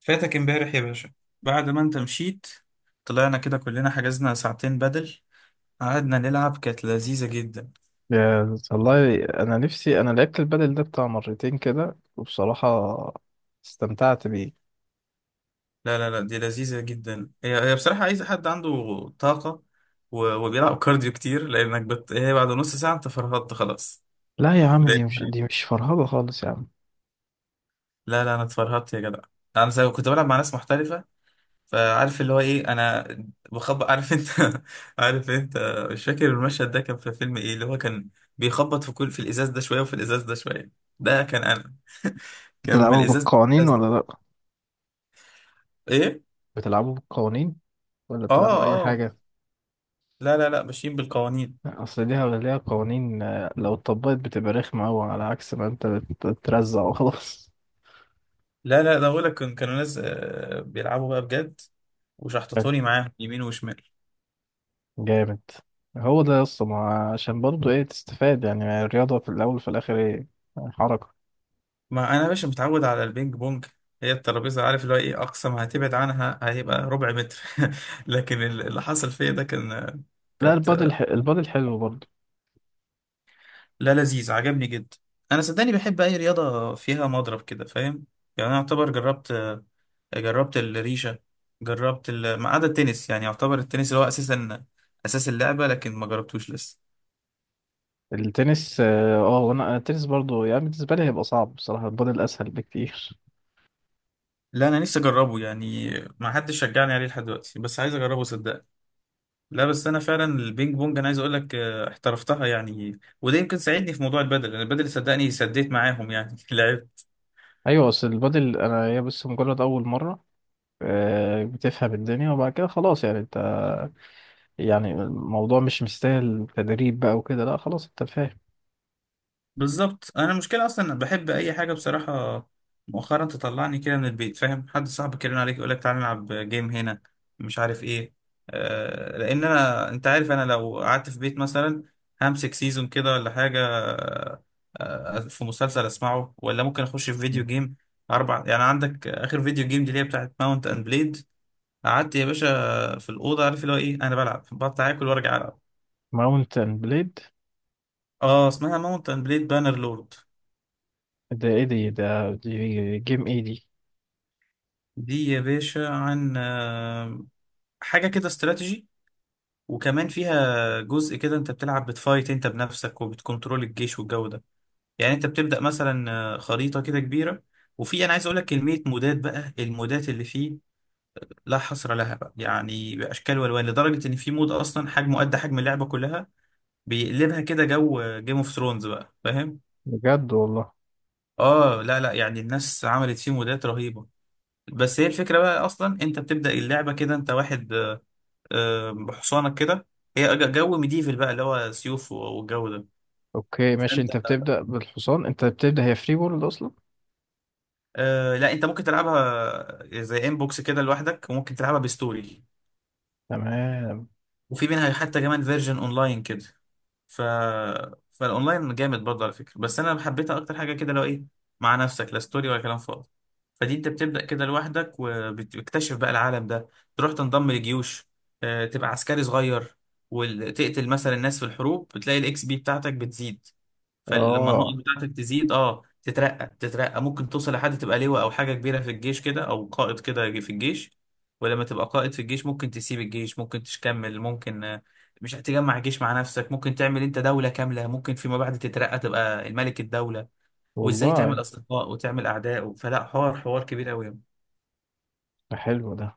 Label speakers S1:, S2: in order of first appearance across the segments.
S1: فاتك امبارح يا باشا بعد ما انت مشيت. طلعنا كده كلنا، حجزنا ساعتين بدل. قعدنا نلعب، كانت لذيذة جدا.
S2: يا والله، انا نفسي لعبت البادل ده بتاع مرتين كده وبصراحة استمتعت بيه.
S1: لا لا لا، دي لذيذة جدا. هي بصراحة عايزة حد عنده طاقة و- وبيلعب كارديو كتير، لأنك هي بعد نص ساعة انت فرهدت خلاص.
S2: لا يا عم، دي مش
S1: لأن-
S2: دي مش فرهضة خالص يا عم.
S1: لا لا، انا اتفرهدت يا جدع. انا زي كنت بلعب مع ناس محترفة، فعارف اللي هو ايه، انا بخبط، عارف انت؟ عارف انت؟ مش فاكر المشهد ده كان في فيلم ايه، اللي هو كان بيخبط في كل، في الازاز ده شويه وفي الازاز ده شويه، ده كان انا. كان من
S2: بتلعبوا
S1: الازاز
S2: بالقوانين
S1: للإزاز
S2: ولا
S1: ده،
S2: لا؟
S1: ايه.
S2: بتلعبوا بالقوانين ولا
S1: اه
S2: بتلعبوا اي
S1: اه،
S2: حاجة؟
S1: لا لا لا، ماشيين بالقوانين.
S2: اصل ليها قوانين، لو اتطبقت بتبقى رخمة اوي، على عكس ما انت بترزع وخلاص.
S1: لا لا، ده بقول لك كانوا ناس، بيلعبوا بقى بجد،
S2: حلو،
S1: وشحططوني معاهم يمين وشمال.
S2: جامد. هو ده يا اسطى، ما عشان برضه ايه تستفاد؟ يعني الرياضة في الاول وفي الاخر ايه؟ حركة.
S1: ما انا يا باشا متعود على البينج بونج، هي الترابيزه عارف اللي هو ايه، اقصى ما هتبعد عنها هيبقى ربع متر. لكن اللي حصل فيا ده كان،
S2: لا،
S1: كانت.
S2: البادل حلو برضه.
S1: لا لذيذ، عجبني جدا. انا صدقني بحب اي رياضه فيها مضرب كده، فاهم؟ يعني انا اعتبر جربت، جربت الريشه، جربت ما عدا التنس، يعني يعتبر التنس اللي هو اساسا اساس اللعبه، لكن ما جربتوش لسه.
S2: التنس، وانا التنس برضو يعني بالنسبه لي هيبقى صعب بصراحه. البادل اسهل بكتير.
S1: لا انا نفسي اجربه يعني، ما حدش شجعني عليه لحد دلوقتي، بس عايز اجربه صدقني. لا بس انا فعلا البينج بونج، انا عايز اقول لك احترفتها يعني، وده يمكن ساعدني في موضوع البدل، لان البدل صدقني سديت معاهم يعني. لعبت
S2: ايوه بس البادل، انا هي بس مجرد اول مره، بتفهم الدنيا وبعد كده خلاص يعني انت. يعني الموضوع مش مستاهل تدريب بقى وكده. لا خلاص، انت فاهم.
S1: بالظبط. انا المشكله اصلا بحب اي حاجه بصراحه، مؤخرا تطلعني كده من البيت، فاهم؟ حد صاحبك يرن عليك يقول لك تعالى نلعب جيم هنا، مش عارف ايه. آه، لان انا انت عارف، انا لو قعدت في بيت مثلا همسك سيزون كده ولا حاجه، آه، في مسلسل اسمعه، ولا ممكن اخش في فيديو جيم اربع. يعني عندك اخر فيديو جيم دي، اللي هي بتاعت ماونت اند بليد، قعدت يا باشا في الاوضه، عارف اللي هو ايه، انا بلعب، بطلع اكل وارجع العب.
S2: ماونت اند بليد،
S1: اه اسمها ماونت اند بليد بانر لورد.
S2: ده ايه دي؟ ده دي جيم ايه دي؟
S1: دي يا باشا عن حاجة كده استراتيجي، وكمان فيها جزء كده انت بتلعب بتفايت انت بنفسك، وبتكنترول الجيش والجو ده. يعني انت بتبدأ مثلا خريطة كده كبيرة، وفي، انا عايز اقول لك، كمية مودات بقى. المودات اللي فيه لا حصر لها بقى، يعني باشكال والوان، لدرجة ان في مود اصلا حجمه قد حجم اللعبة كلها، بيقلبها كده جو جيم اوف ثرونز بقى، فاهم؟
S2: بجد والله؟
S1: اه لا لا، يعني الناس عملت فيه مودات رهيبة. بس هي الفكرة بقى، اصلا انت بتبدأ اللعبة كده انت واحد، بحصانك كده، هي جو ميديفل بقى، اللي هو سيوف والجو ده.
S2: اوكي ماشي،
S1: فانت
S2: انت بتبدأ بالحصان. انت بتبدأ، هي فري وورلد اصلا.
S1: آه لا، انت ممكن تلعبها زي انبوكس كده لوحدك، وممكن تلعبها بستوري،
S2: تمام.
S1: وفي منها حتى كمان فيرجن اونلاين كده. ف فالاونلاين جامد برضه على فكره، بس انا حبيتها اكتر حاجه كده لو ايه، مع نفسك، لا ستوري ولا كلام فاضي. فدي انت بتبدا كده لوحدك وبتكتشف بقى العالم ده، تروح تنضم لجيوش، تبقى عسكري صغير، وتقتل مثلا الناس في الحروب، بتلاقي الاكس بي بتاعتك بتزيد. فلما النقط
S2: اه
S1: بتاعتك تزيد اه تترقى، تترقى، ممكن توصل لحد تبقى لواء او حاجه كبيره في الجيش كده، او قائد كده في الجيش. ولما تبقى قائد في الجيش ممكن تسيب الجيش، ممكن تكمل، ممكن مش هتجمع جيش مع نفسك، ممكن تعمل انت دولة كاملة، ممكن فيما بعد تترقى تبقى الملك الدولة، وازاي
S2: والله.
S1: تعمل اصدقاء وتعمل اعداء فلا، حوار حوار كبير قوي.
S2: ده حلو ده.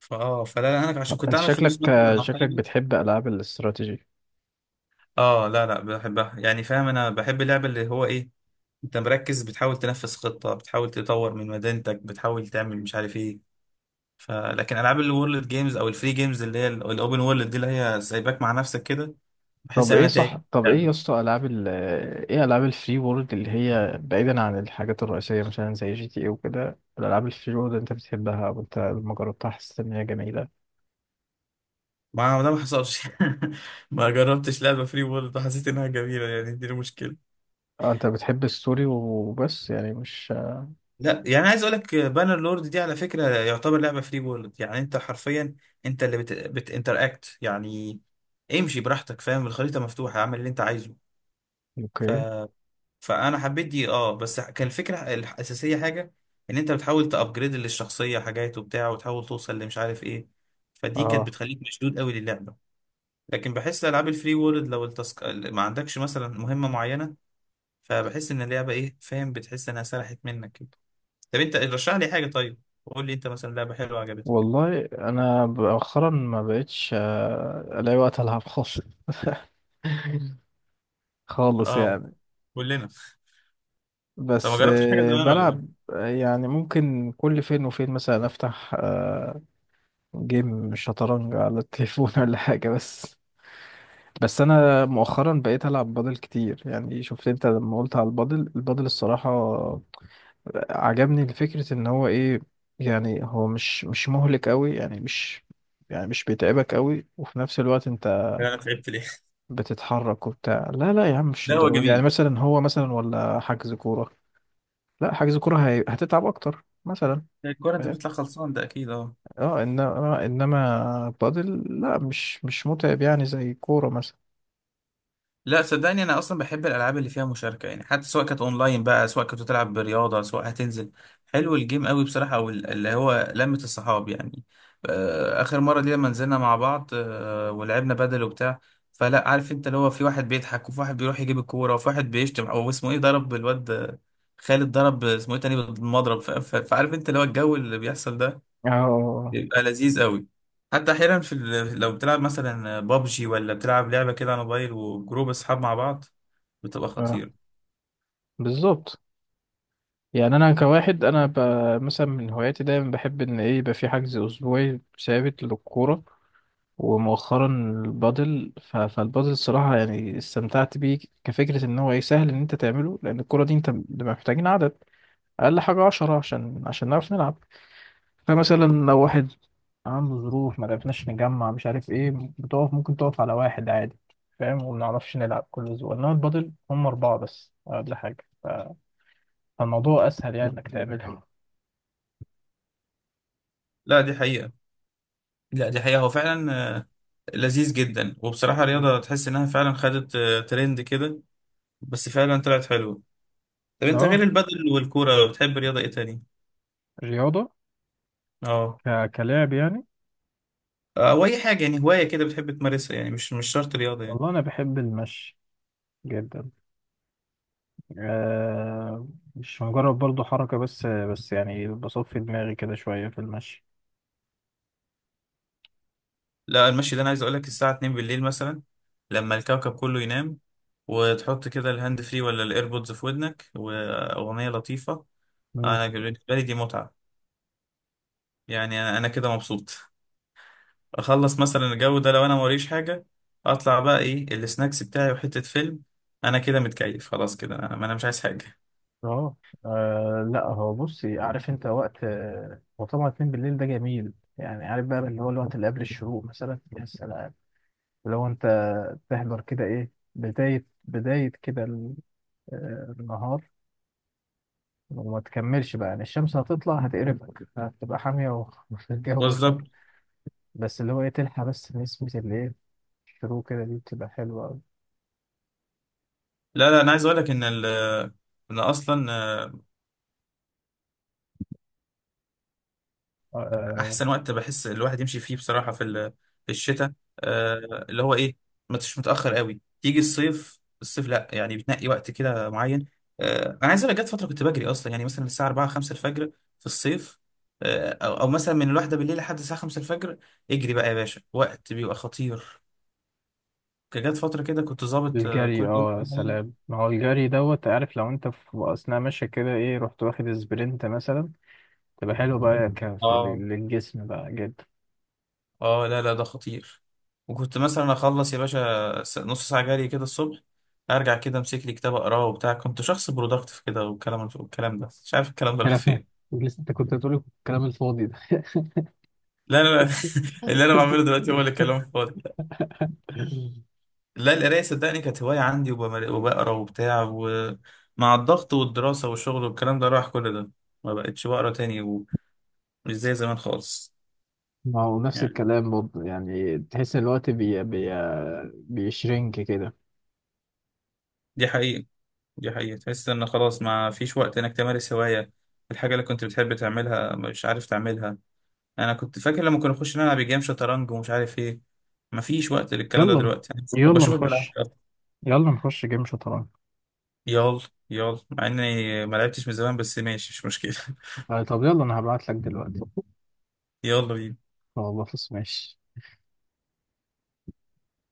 S1: فاه فلا لا، انا عشان كنت
S2: انت
S1: اعمل فلوس
S2: شكلك
S1: مثلا او
S2: شكلك
S1: حاجه.
S2: بتحب العاب الاستراتيجي.
S1: اه لا لا، بحبها يعني، فاهم؟ انا بحب اللعبه اللي هو ايه انت مركز، بتحاول تنفذ خطه، بتحاول تطور من مدينتك، بتحاول تعمل مش عارف ايه. فلكن العاب الورلد جيمز او الفري جيمز، اللي هي الاوبن وورلد دي، اللي هي سايباك مع نفسك كده، بحس
S2: طب
S1: ان
S2: ايه
S1: انا
S2: صح،
S1: تاني
S2: طب ايه يا
S1: لعبة.
S2: اسطى، العاب ال ايه العاب الفري وورلد اللي هي بعيدا عن الحاجات الرئيسيه مثلا زي جي تي اي وكده، الالعاب الفري وورلد انت بتحبها؟ وانت لما جربتها حسيت ان هي جميله؟
S1: ما هو ده ما حصلش. ما جربتش لعبه فري وورلد وحسيت انها جميله، يعني دي المشكله.
S2: اه انت بتحب الستوري وبس يعني، مش...
S1: لا يعني عايز اقول لك بانر لورد دي على فكره يعتبر لعبه فري وورلد، يعني انت حرفيا انت اللي بتinteract يعني، امشي براحتك فاهم، الخريطه مفتوحه، اعمل اللي انت عايزه. ف...
S2: اوكي.
S1: فانا حبيت دي اه، بس كان الفكره الاساسيه حاجه، ان انت بتحاول تابجريد للشخصيه حاجات وبتاع، وتحاول توصل لمش عارف ايه. فدي كانت
S2: اه
S1: بتخليك مشدود قوي للعبه. لكن بحس العاب الفري وورلد لو ما عندكش مثلا مهمه معينه، فبحس ان اللعبه ايه فاهم، بتحس انها سرحت منك كده. طب انت رشح لي حاجه طيب، قول لي انت مثلا لعبه حلوه عجبتك.
S2: والله انا مؤخرا ما بقتش الاقي وقت العب خالص. خالص
S1: اه
S2: يعني.
S1: كلنا. طب ما
S2: بس
S1: جربتش حاجه زمان ولا؟
S2: بلعب يعني ممكن كل فين وفين مثلا افتح جيم شطرنج على التليفون ولا حاجة. بس بس انا مؤخرا بقيت العب بادل كتير. يعني شفت انت لما قلت على البادل، البادل الصراحة عجبني فكرة ان هو ايه، يعني هو مش مهلك قوي، يعني مش، يعني مش بيتعبك قوي، وفي نفس الوقت انت
S1: ايه انا تعبت ليه؟
S2: بتتحرك وبتاع. لا لا يا عم، مش
S1: لا هو
S2: الدرجة دي يعني،
S1: جميل.
S2: مثلا هو مثلا ولا حجز كورة. لا، حجز كورة هتتعب اكتر مثلا.
S1: الكوره انت
S2: فاهم.
S1: بتطلع خلصان ده اكيد اه.
S2: اه انما بادل، لا مش متعب يعني زي كورة مثلا.
S1: لا صدقني، انا اصلا بحب الالعاب اللي فيها مشاركه، يعني حتى سواء كانت اونلاين بقى، سواء كنت تلعب رياضه، سواء هتنزل. حلو الجيم قوي بصراحه، او اللي هو لمه الصحاب يعني. اخر مره دي لما نزلنا مع بعض ولعبنا بدل وبتاع، فلا عارف انت اللي هو في واحد بيضحك، وفي واحد بيروح يجيب الكوره، وفي واحد بيشتم، او اسمه ايه ضرب الواد خالد، ضرب اسمه ايه تاني بالمضرب، فعارف انت اللي هو الجو اللي بيحصل ده،
S2: اه اه.
S1: يبقى لذيذ قوي. حتى احيانا في لو بتلعب مثلا بابجي، ولا بتلعب لعبه كده على موبايل، وجروب اصحاب مع بعض، بتبقى
S2: آه.
S1: خطيره.
S2: بالظبط. يعني انا كواحد، انا مثلا من هواياتي دايما بحب ان ايه، يبقى في حجز اسبوعي ثابت للكوره. ومؤخرا البادل، فالبادل الصراحه يعني استمتعت بيه كفكره ان هو ايه سهل، ان انت تعمله. لان الكوره دي انت بنبقى محتاجين عدد، اقل حاجه 10، عشان نعرف نلعب. فمثلا لو واحد عنده ظروف، ما عرفناش نجمع مش عارف ايه، بتقف، ممكن تقف على واحد عادي فاهم. وما نعرفش نلعب كل اسبوع، انما البادل هم اربعه بس ولا حاجه، ف- فالموضوع اسهل يعني انك تعملها.
S1: لا دي حقيقه، لا دي حقيقه، هو فعلا لذيذ جدا. وبصراحه رياضه تحس انها فعلا خدت ترند كده، بس فعلا طلعت حلوه. طب انت غير
S2: اه.
S1: البادل والكوره لو بتحب رياضه ايه تاني؟
S2: رياضه،
S1: اه.
S2: كلاعب يعني.
S1: او اي حاجه يعني، هوايه كده بتحب تمارسها يعني، مش مش شرط رياضه يعني.
S2: والله انا بحب المشي جدا. آه، مش مجرد برضو حركه، بس يعني بصفي دماغي كده شويه في المشي.
S1: لا المشي ده انا عايز اقول لك الساعه 2 بالليل مثلا، لما الكوكب كله ينام، وتحط كده الهاند فري ولا الايربودز في ودنك واغنيه لطيفه، انا بالنسبه لي دي متعه، يعني انا أنا كده مبسوط. اخلص مثلا الجو ده لو انا موريش حاجه، اطلع بقى ايه السناكس بتاعي وحته فيلم، انا كده متكيف خلاص كده، انا انا مش عايز حاجه.
S2: اه. لا هو بصي عارف انت وقت، هو طبعا اتنين بالليل ده جميل يعني. عارف بقى اللي هو الوقت اللي قبل الشروق مثلا، يا سلام. لو انت تحضر كده، ايه، بداية بداية كده النهار. وما تكملش بقى، يعني الشمس هتطلع هتقربك هتبقى حامية وفي الجو ده.
S1: بالظبط.
S2: بس اللي هو ايه، تلحق بس نسمة اللي ايه الشروق كده، دي بتبقى حلوة أوي.
S1: لا لا انا عايز اقول لك ان اصلا
S2: آه، آه،
S1: احسن وقت بحس الواحد يمشي فيه بصراحه في في الشتاء، آه اللي هو ايه، ما تش متاخر قوي تيجي الصيف، الصيف لا، يعني بتنقي وقت كده معين. آه انا عايز اقول لك جت فتره كنت بجري اصلا، يعني مثلا الساعه 4 5 الفجر في الصيف، آه او, أو مثلا من الواحده بالليل لحد الساعه 5 الفجر، اجري بقى يا باشا، وقت بيبقى خطير. كان جت فتره كده كنت ظابط
S2: الجري،
S1: كل يوم.
S2: اه يا سلام، ما هو الجري دوت. عارف لو انت في اثناء ماشي كده ايه، رحت واخد سبرنت مثلا، تبقى حلو بقى
S1: اه
S2: للجسم بقى جدا.
S1: اه، لا لا، ده خطير. وكنت مثلا اخلص يا باشا نص ساعة جري كده الصبح، ارجع كده امسك لي كتاب اقراه وبتاع، كنت شخص برودكتيف كده، والكلام والكلام ده، مش عارف الكلام ده راح
S2: كلام؟
S1: فين.
S2: لسه انت كنت هتقول الكلام الفاضي ده؟
S1: لا لا لا. اللي انا بعمله دلوقتي هو اللي كلام فاضي. لا القراية صدقني كانت هواية عندي، وبقرا وبتاع، ومع الضغط والدراسة والشغل والكلام ده راح كل ده، ما بقتش بقرا تاني، ومش زي زمان خالص.
S2: ما هو نفس الكلام برضه يعني، تحس ان الوقت بي بي بيشرنك كده.
S1: دي حقيقة، دي حقيقة، تحس ان خلاص ما فيش وقت انك تمارس هواية، الحاجة اللي كنت بتحب تعملها مش عارف تعملها. انا كنت فاكر لما كنا نخش نلعب جيم شطرنج ومش عارف ايه، ما فيش وقت للكلام ده
S2: يلا.
S1: دلوقتي. يعني
S2: يلا
S1: بشوفك
S2: نخش.
S1: بالعافية أصلاً.
S2: يلا نخش جيم شطرنج.
S1: يلا، يلا مع اني ما لعبتش من زمان، بس ماشي مش مشكلة.
S2: طب يلا، انا هبعت لك دلوقتي.
S1: يلا بينا.
S2: خلاص ماشي.